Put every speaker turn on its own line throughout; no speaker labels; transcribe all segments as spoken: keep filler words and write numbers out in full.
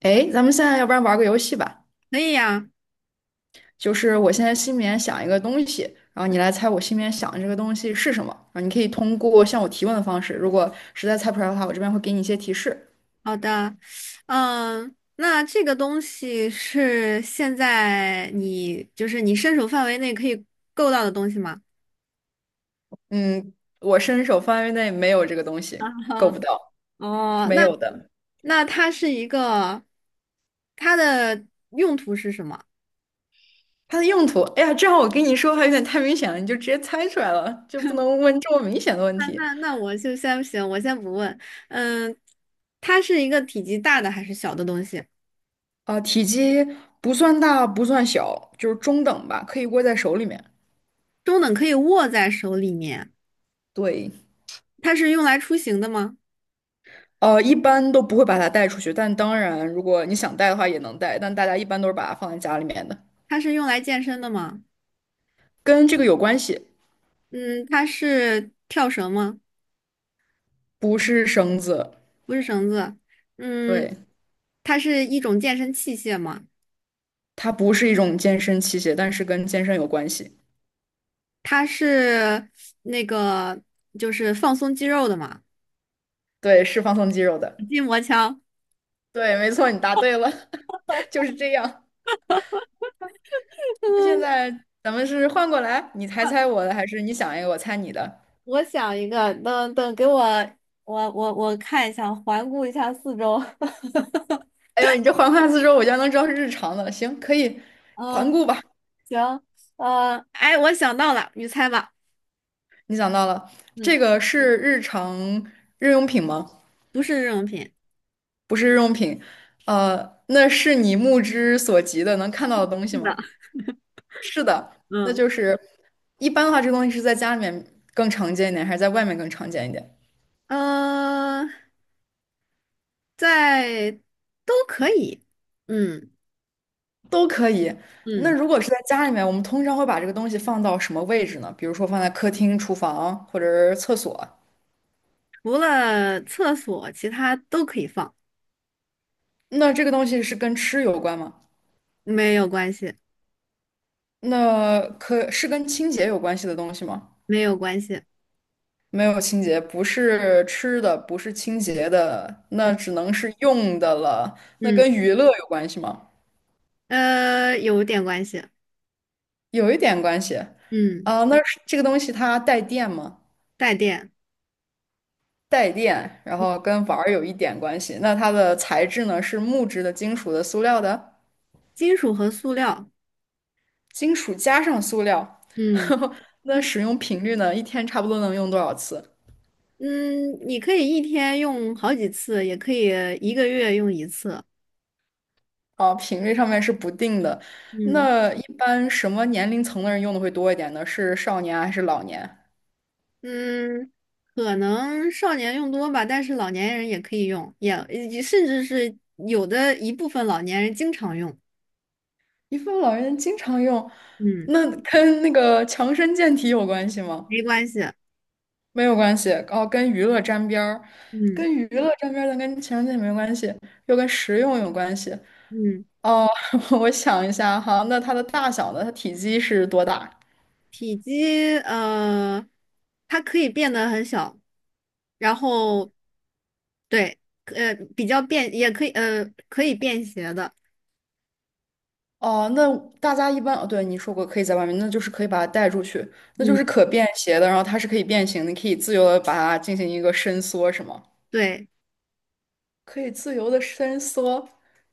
哎，咱们现在要不然玩个游戏吧，
可以呀。
就是我现在心里面想一个东西，然后你来猜我心里面想的这个东西是什么。然后你可以通过向我提问的方式，如果实在猜不出来的话，我这边会给你一些提示。
好的。嗯，那这个东西是现在你就是你伸手范围内可以够到的东西吗？
嗯，我伸手范围内没有这个东
啊
西，够
哈。
不到，
哦，
没
那
有的。
那它是一个，它的用途是什么？
它的用途，哎呀，正好我跟你说还有点太明显了，你就直接猜出来了，就不能问这么明显的问
那
题。
那那我就先行，我先不问。嗯，它是一个体积大的还是小的东西？
啊、体积不算大，不算小，就是中等吧，可以握在手里面。
中等可以握在手里面。
对。
它是用来出行的吗？
呃，一般都不会把它带出去，但当然，如果你想带的话也能带，但大家一般都是把它放在家里面的，
它是用来健身的吗？
跟这个有关系，
嗯，它是跳绳吗？
不是绳子，
不是绳子。嗯，
对，
它是一种健身器械嘛，
它不是一种健身器械，但是跟健身有关系，
它是那个就是放松肌肉的嘛。
对，是放松肌肉的，
筋膜枪。
对，没错，你答对了，就是这样。那现 在咱们是换过来，你猜
嗯。啊
猜我的，还是你想一个我猜你的？
我想一个，等等，给我，我我我看一下，环顾一下四周。
哎呦，你这环环四周，我就能知道是日常的，行，可以环
嗯。
顾吧。
行。呃，哎，我想到了，你猜吧。
你想到了，这
嗯。
个是日常日用品吗？
不是日用品。
不是日用品，呃，那是你目之所及的能看到的东西
是的。
吗？是的，那
嗯。
就是一般的话，这个东西是在家里面更常见一点，还是在外面更常见一点？
呃，在都可以。嗯
都可以。那
嗯。
如果是在家里面，我们通常会把这个东西放到什么位置呢？比如说放在客厅、厨房或者是厕所。
除了厕所，其他都可以放。
那这个东西是跟吃有关吗？
没有关系。
那可是跟清洁有关系的东西吗？
没有关系。
没有清洁，不是吃的，不是清洁的，
嗯
那只能是用的了。那
嗯，
跟娱乐有关系吗？
呃，有点关系。
有一点关系。
嗯。
啊、那是这个东西它带电吗？
带电。
带电，然后
嗯
跟玩儿有一点关系。那它的材质呢？是木质的、金属的、塑料的？
金属和塑料。
金属加上塑料。
嗯
那使用频率呢？一天差不多能用多少次？
嗯，你可以一天用好几次，也可以一个月用一次。
啊，频率上面是不定的。
嗯
那一般什么年龄层的人用的会多一点呢？是少年还是老年？
嗯，可能少年用多吧，但是老年人也可以用，也也甚至是有的一部分老年人经常用。
遗腹老人经常用，
嗯。
那跟那个强身健体有关系吗？
没关系。
没有关系，哦，跟娱乐沾边儿，
嗯
跟娱乐沾边儿，但跟强身健体没关系，又跟实用有关系。
嗯。
哦，我想一下哈，那它的大小呢？它体积是多大？
体积，呃，它可以变得很小，然后，对，呃，比较便，也可以，呃，可以便携的。
哦，那大家一般哦，对，你说过可以在外面，那就是可以把它带出去，那就是
嗯。
可便携的，然后它是可以变形的，你可以自由的把它进行一个伸缩，是吗？
对。
可以自由的伸缩，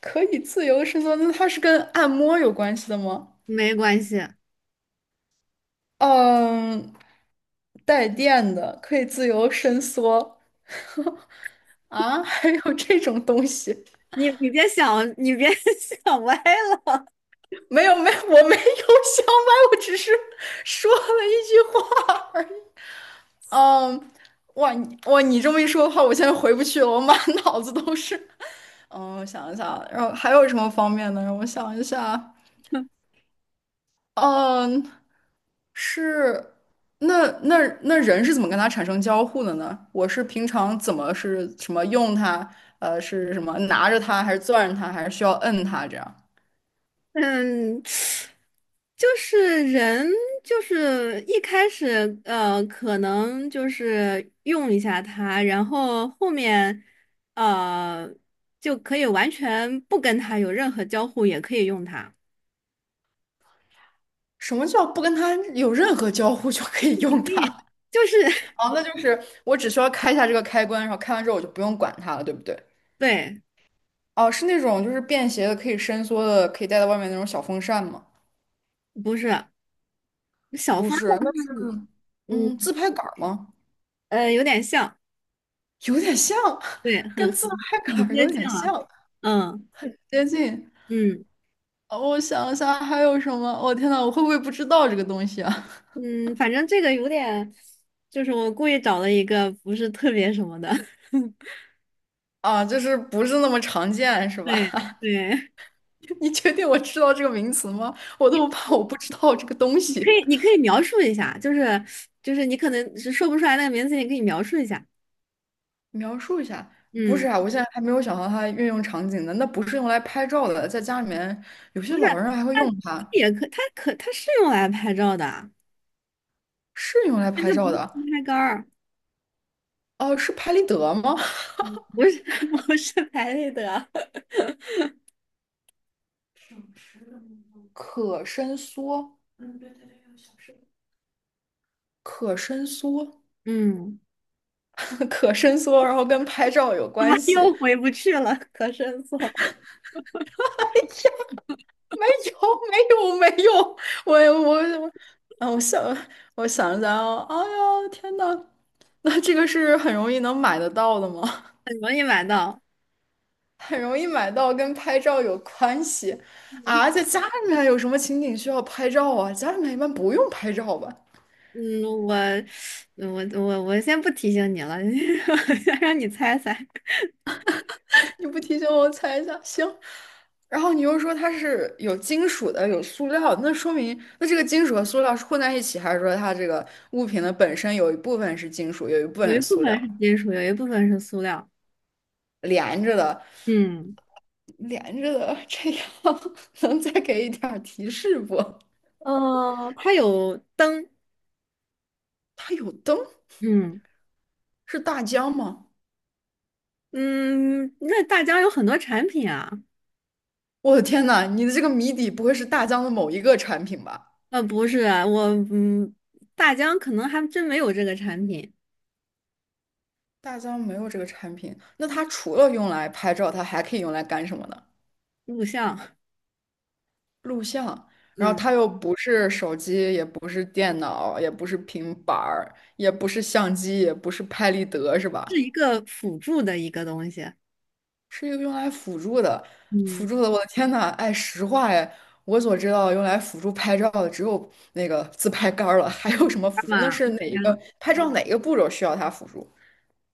可以自由地伸缩，那它是跟按摩有关系的吗？
没关系。
嗯，带电的，可以自由伸缩。啊，还有这种东西？
你你别想，你别 想歪了。
没有，没有，我没有想买，我只是说了一句话而已。嗯，哇，你哇，你这么一说的话，我现在回不去了，我满脑子都是。嗯，我想一下，然后还有什么方面呢？让我想一下。嗯，是，那那那人是怎么跟它产生交互的呢？我是平常怎么是什么用它？呃，是什么拿着它，还是攥着它，还是需要摁它这样？
嗯。就是人，就是一开始，呃，可能就是用一下它，然后后面，呃，就可以完全不跟它有任何交互，也可以用它。
什么叫不跟它有任何交互就可以用
对，
它？
就是
哦，那就是我只需要开一下这个开关，然后开完之后我就不用管它了，对不对？
对。
哦，是那种就是便携的，可以伸缩的，可以带到外面那种小风扇吗？
不是小
不
峰。
是，那是嗯
嗯
自拍杆儿吗？
呃，有点像。
有点像，
对，很
跟自拍杆
很
儿有
接近
点
了。
像，
嗯
接近。
嗯。
呃我想一下还有什么？我、天呐，我会不会不知道这个东西啊？
嗯，反正这个有点，就是我故意找了一个不是特别什么的。
啊，就是不是那么常见，是吧？
对。对。
你确定我知道这个名词吗？我都怕我不知道这个东
你可
西。
以你可以描述一下，就是就是你可能是说不出来那个名字，你可以描述一下。
描述一下，不
嗯。
是啊，我现在还没有想到它运用场景呢。那不是用来拍照的，在家里面有
不
些
是，
老
它
人还会用它，
也可它可它是用来拍照的啊
是用来
但
拍
它不
照
是自
的。
拍杆儿。
哦、是拍立得吗？
不是 不是拍立得。
省时的那种可伸缩，嗯，对对对，有小时的可伸缩，
嗯。
可伸缩，然后跟拍照有
啊，
关系？
又回不去了。可申色。
没有，没有，没有，我我我，啊，我想，我想想啊，哎呀，天呐，那这个是很容易能买得到的吗？
很容易买到。
很容易买到，跟拍照有关系啊？在家里面有什么情景需要拍照啊？家里面一般不用拍照吧？
嗯，我，我，我，我先不提醒你了。先让你猜猜。
你不提醒我，我猜一下，行。然后你又说它是有金属的，有塑料的那说明那这个金属和塑料是混在一起，还是说它这个物品的本身有一部分是金属，有一部分
有一
是
部
塑
分
料，
是金属，有一部分是塑料。
连着的，
嗯，
连着的，这样 能再给一点儿提示不？
呃，它有灯。
它有灯，
嗯
是大疆吗？
嗯。那大疆有很多产品啊。
我的天呐，你的这个谜底不会是大疆的某一个产品吧？
呃，不是，我嗯，大疆可能还真没有这个产品。
大疆没有这个产品，那它除了用来拍照，它还可以用来干什么呢？
录像。
录像，然后
嗯。
它又不是手机，也不是电脑，也不是平板儿，也不是相机，也不是拍立得，是
是
吧？
一个辅助的一个东西。
是一个用来辅助的，辅
嗯。
助的。我的天呐，哎，实话哎，我所知道用来辅助拍照的只有那个自拍杆儿了，还有什么
干
辅助？那
嘛
是哪一个拍照哪一个步骤需要它辅助？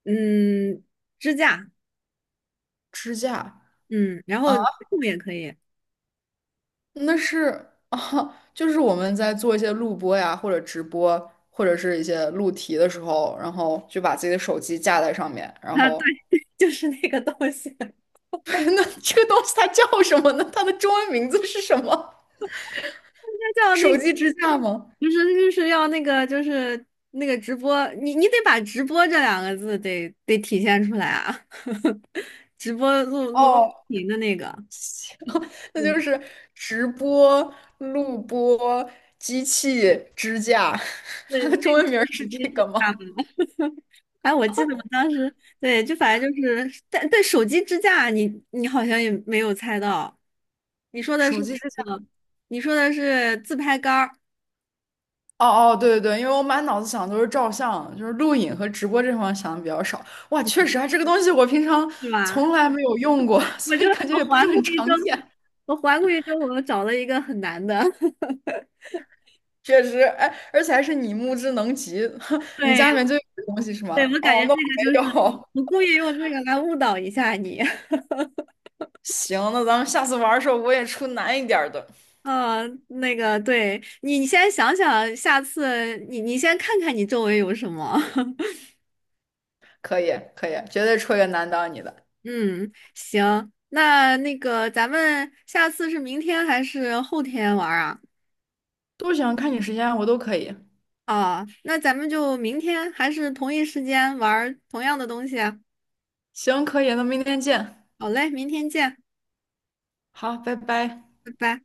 嗯。支架。
支架。
嗯，然
啊。
后动物也可以啊。
那是啊，就是我们在做一些录播呀，或者直播，或者是一些录题的时候，然后就把自己的手机架在上面，然后
对，就是那个东西。
那这个东西它叫什么呢？它的中文名字是什么？
那叫
手
那，
机支架吗？
不是，就是要那个，就是那个直播，你你得把直播这两个字得得体现出来啊。直播录录
哦，
屏的那个。
那就
嗯
是直播、录播、机器支架，
对，
它
那
的中文
个
名儿是
手机
这
支
个
架
吗？
嘛。哎，我记得我当时，对，就反正就是，但对手机支架你，你好像也没有猜到。你说的是
手机支
那
架
个，你说的是自拍杆儿
哦哦，对对对，因为我满脑子想的都是照相，就是录影和直播这方面想的比较少。哇，确实啊，这个东西我平常
是吧？
从来没有用过，
我
所
就
以感觉
我
也不是
环顾
很
一周，
常见。
我环顾一周，我找了一个很难的。
确实，哎，而且还是你目之能及，你家里
对。
面就有这东西是
对，
吗？
我感觉
哦，
这
那我
个
没
就是
有。
我故意用这个来误导一下你。
行，那咱们下次玩的时候我也出难一点儿的，
嗯，那个，对你，你先想想，下次你你先看看你周围有什么。
可以可以，绝对出一个难到你的。
嗯，行，那那个咱们下次是明天还是后天玩儿啊？
都行看你时间啊，我都可以。
哦，那咱们就明天还是同一时间玩儿同样的东西啊。
行，可以，那明天见。
好嘞，明天见，
好，拜拜。
拜拜。